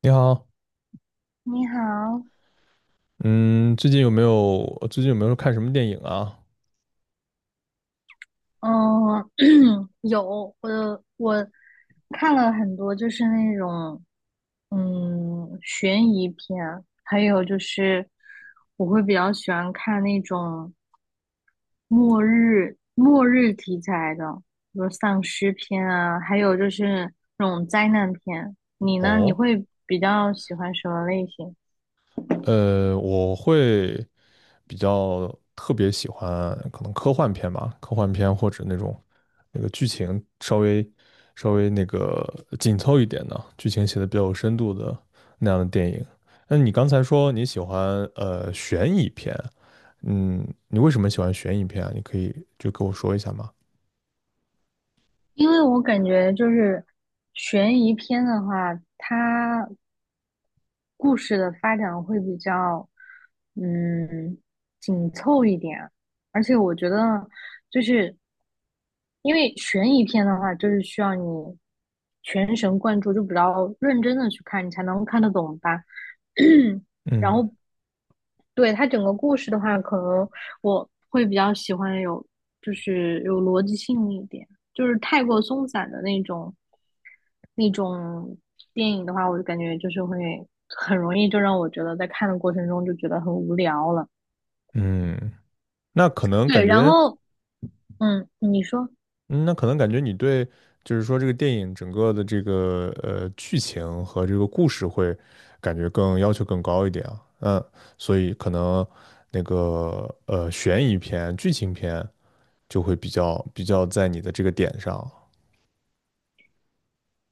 你好，你好，嗯，最近有没有看什么电影啊？嗯，有，我看了很多，就是那种悬疑片，还有就是我会比较喜欢看那种末日题材的，比如丧尸片啊，还有就是那种灾难片。你呢？你哦，会比较喜欢什么类型？我会比较特别喜欢可能科幻片吧，科幻片或者那种那个剧情稍微那个紧凑一点的，剧情写的比较有深度的那样的电影。那你刚才说你喜欢悬疑片，嗯，你为什么喜欢悬疑片啊？你可以就跟我说一下吗？因为我感觉就是悬疑片的话，它故事的发展会比较，嗯，紧凑一点。而且我觉得，就是因为悬疑片的话，就是需要你全神贯注，就比较认真的去看，你才能看得懂吧。然嗯，后，对，它整个故事的话，可能我会比较喜欢有，就是有逻辑性一点，就是太过松散的那种，那种电影的话，我就感觉就是会很容易就让我觉得在看的过程中就觉得很无聊了。嗯，那可能感对，然觉。后你说嗯，那可能感觉你对，就是说这个电影整个的这个剧情和这个故事会感觉更要求更高一点啊，嗯，所以可能那个悬疑片、剧情片就会比较在你的这个点上，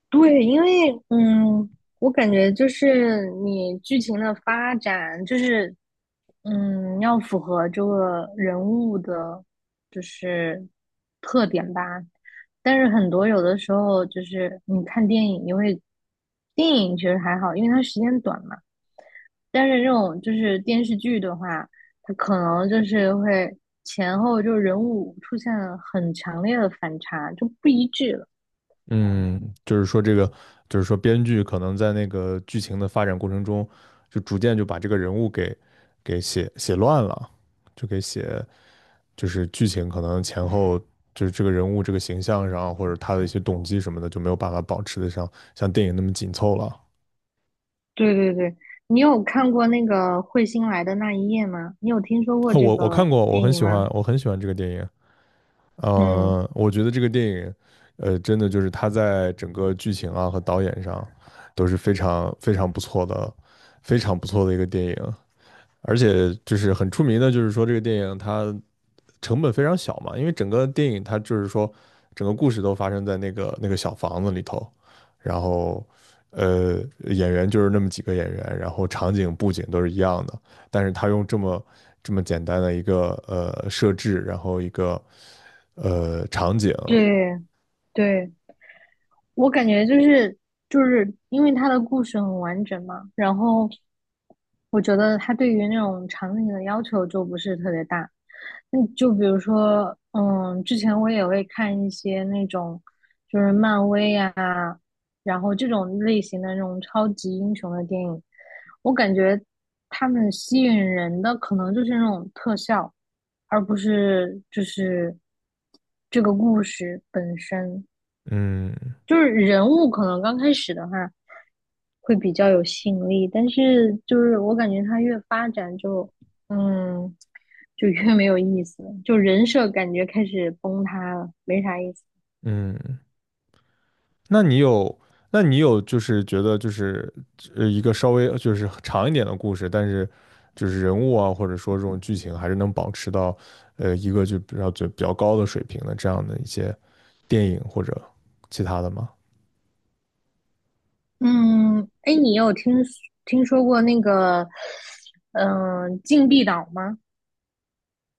对，因为我感觉就是你剧情的发展就是要符合这个人物的，就是特点吧。但是很多有的时候就是你看电影，电影其实还好，因为它时间短嘛。但是这种就是电视剧的话，它可能就是会前后就人物出现了很强烈的反差，就不一致了。嗯，就是说编剧可能在那个剧情的发展过程中，就逐渐就把这个人物给写乱了，就给写就是剧情可能前后就是这个人物这个形象上，或者他的一些动机什么的，就没有办法保持得上像电影那么紧凑了。哦，对对对，你有看过那个彗星来的那一夜吗？你有听说过这我看个过，我电很影喜欢，吗？我很喜欢这个电影。嗯，呃，我觉得这个电影，呃，真的就是他在整个剧情啊和导演上都是非常非常不错的，非常不错的一个电影。而且就是很出名的，就是说这个电影它成本非常小嘛，因为整个电影它就是说，整个故事都发生在那个小房子里头，然后呃，演员就是那么几个演员，然后场景布景都是一样的，但是他用这么简单的一个设置，然后一个场景，对对。我感觉就是因为他的故事很完整嘛，然后我觉得他对于那种场景的要求就不是特别大。那就比如说，之前我也会看一些那种就是漫威呀，然后这种类型的那种超级英雄的电影，我感觉他们吸引人的可能就是那种特效，而不是就是这个故事本身。嗯。就是人物可能刚开始的话会比较有吸引力，但是就是我感觉他越发展就，嗯，就越没有意思了就人设感觉开始崩塌了，没啥意思。嗯，那你有，那你有，就是觉得就是一个稍微就是长一点的故事，但是就是人物啊，或者说这种剧情，还是能保持到一个就比较高的水平的这样的一些电影或者其他的吗？嗯，哎，你有听说过那个，禁闭岛吗？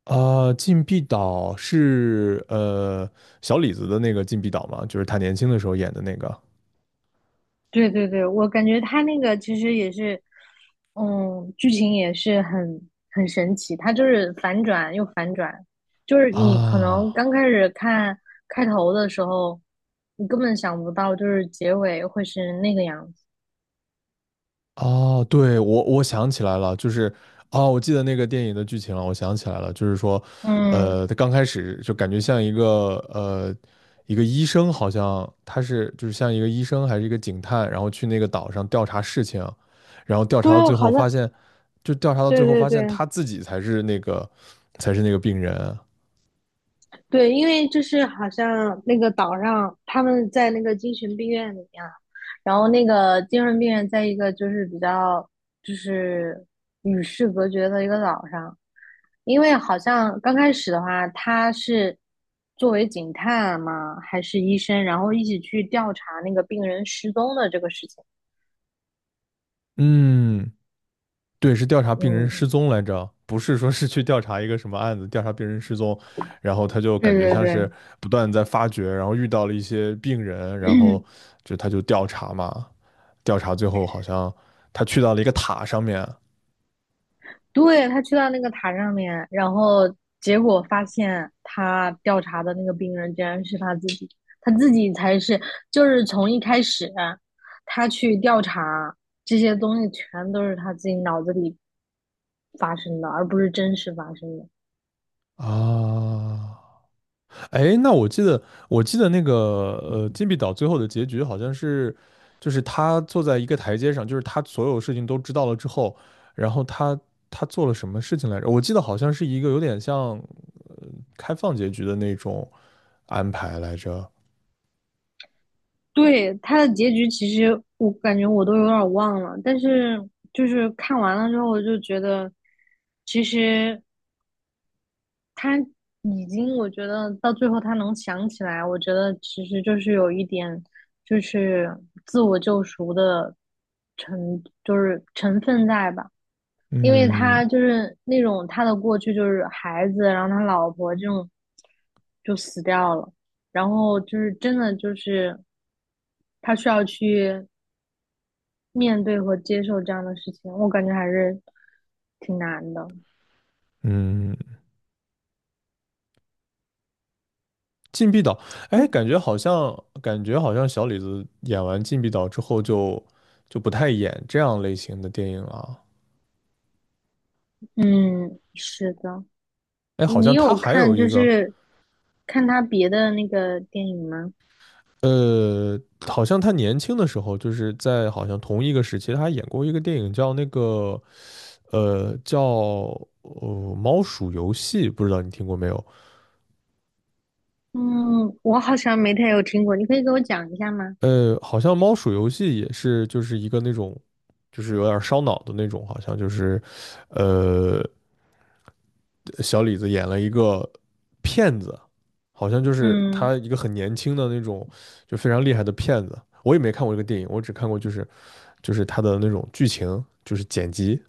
啊，禁闭岛是小李子的那个禁闭岛吗？就是他年轻的时候演的那个对对对，我感觉他那个其实也是，剧情也是很神奇，他就是反转又反转，就是你可啊。能刚开始看开头的时候，你根本想不到就是结尾会是那个样子。哦，对，我想起来了，就是哦，我记得那个电影的剧情了，我想起来了，就是说，嗯，呃，他刚开始就感觉像一个一个医生，好像他是就是像一个医生还是一个警探，然后去那个岛上调查事情，然后调查到对，最后好发像现，就调查到最对后对发现对他自己才是那个病人，对，因为就是好像那个岛上他们在那个精神病院里面，然后那个精神病院在一个就是比较就是与世隔绝的一个岛上。因为好像刚开始的话，他是作为警探嘛，还是医生，然后一起去调查那个病人失踪的这个事情。嗯，对，是调查病人失嗯，踪来着，不是说是去调查一个什么案子，调查病人失踪，然后他就对感觉对像是对，不断在发掘，然后遇到了一些病人，然后 就他就调查嘛，调查最后好像他去到了一个塔上面。对，他去到那个塔上面，然后结果发现他调查的那个病人竟然是他自己，他自己才是，就是从一开始他去调查这些东西，全都是他自己脑子里发生的，而不是真实发生的。啊，哎，那我记得那个金币岛最后的结局好像是，就是他坐在一个台阶上，就是他所有事情都知道了之后，然后他做了什么事情来着？我记得好像是一个有点像。开放结局的那种安排来着。对，他的结局其实我感觉我都有点儿忘了，但是就是看完了之后，我就觉得其实他已经，我觉得到最后他能想起来，我觉得其实就是有一点就是自我救赎的就是成分在吧，因为嗯。他就是那种他的过去就是孩子，然后他老婆这种就死掉了。然后就是真的就是他需要去面对和接受这样的事情，我感觉还是挺难的。嗯，禁闭岛，哎，感觉好像小李子演完禁闭岛之后就不太演这样类型的电影了。嗯，是的。哎，好你像他有还看有一就个，是看他别的那个电影吗？呃，好像他年轻的时候，就是在好像同一个时期，他还演过一个电影叫那个，呃，叫《猫鼠游戏》，不知道你听过没有？嗯，我好像没太有听过，你可以给我讲一下吗？呃，好像猫鼠游戏也是，就是一个那种，就是有点烧脑的那种，好像就是，呃，小李子演了一个骗子，好像就是嗯，他一个很年轻的那种，就非常厉害的骗子。我也没看过这个电影，我只看过就是就是他的那种剧情，就是剪辑。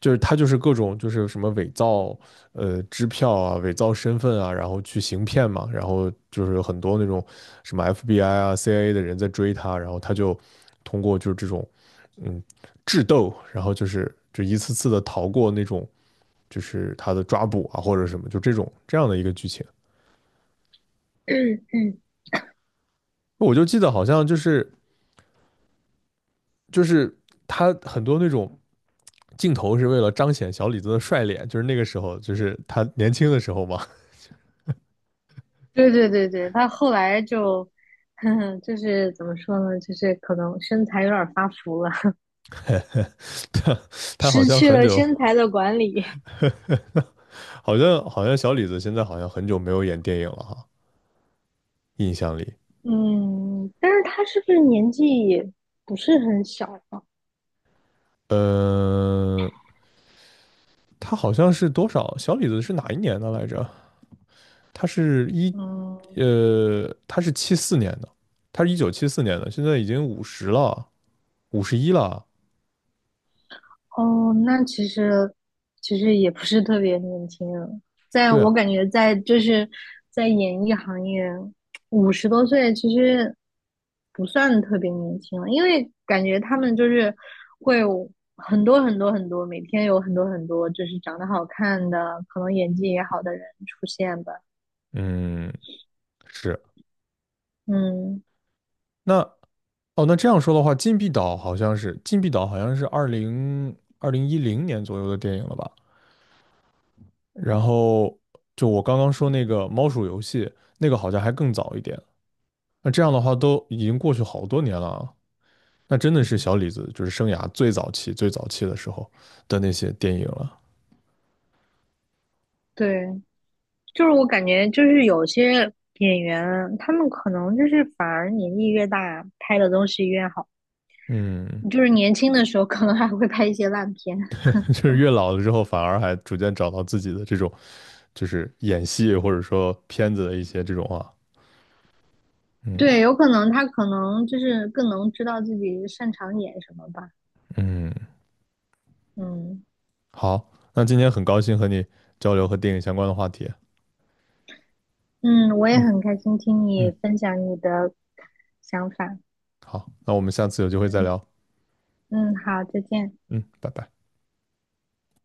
就是他就是各种就是什么伪造支票啊、伪造身份啊，然后去行骗嘛，然后就是有很多那种什么 FBI 啊、CIA 的人在追他，然后他就通过就是这种嗯智斗，然后就是就一次次的逃过那种就是他的抓捕啊或者什么，就这种这样的一个剧情。我就记得好像就是就是他很多那种。镜头是为了彰显小李子的帅脸，就是那个时候，就是他年轻的时候嘛，对对对对，他后来就，呵呵，就是怎么说呢，就是可能身材有点儿发福了，他 他好失像去很了久身材的管理。好像小李子现在好像很久没有演电影了哈，印象里，嗯，但是他是不是年纪也不是很小啊？呃，他好像是多少？小李子是哪一年的来着？他是一嗯，呃，他是七四年的，他是1974年的，现在已经五十了，51了。哦，那其实也不是特别年轻人在对啊，我感觉在就是在演艺行业，50多岁其实不算特别年轻了，因为感觉他们就是会有很多很多很多，每天有很多很多就是长得好看的，可能演技也好的人出现吧。嗯，是。嗯，那哦，那这样说的话，《禁闭岛》好像是二零二零一零年左右的电影了吧？然后就我刚刚说那个猫鼠游戏，那个好像还更早一点。那这样的话都已经过去好多年了啊，那真的是小李子就是生涯最早期、最早期的时候的那些电影了。对，就是我感觉就是有些演员，他们可能就是反而年纪越大，拍的东西越好。嗯，就是年轻的时候可能还会拍一些烂片，就是越老了之后，反而还逐渐找到自己的这种就是演戏或者说片子的一些这种啊，嗯。对，有可能他可能就是更能知道自己擅长演什么吧。嗯，嗯好，那今天很高兴和你交流和电影相关的话题。嗯，我也嗯。很开心听你嗯，分享你的想法。好，那我们下次有机会再聊。嗯，好，再见。嗯，拜拜。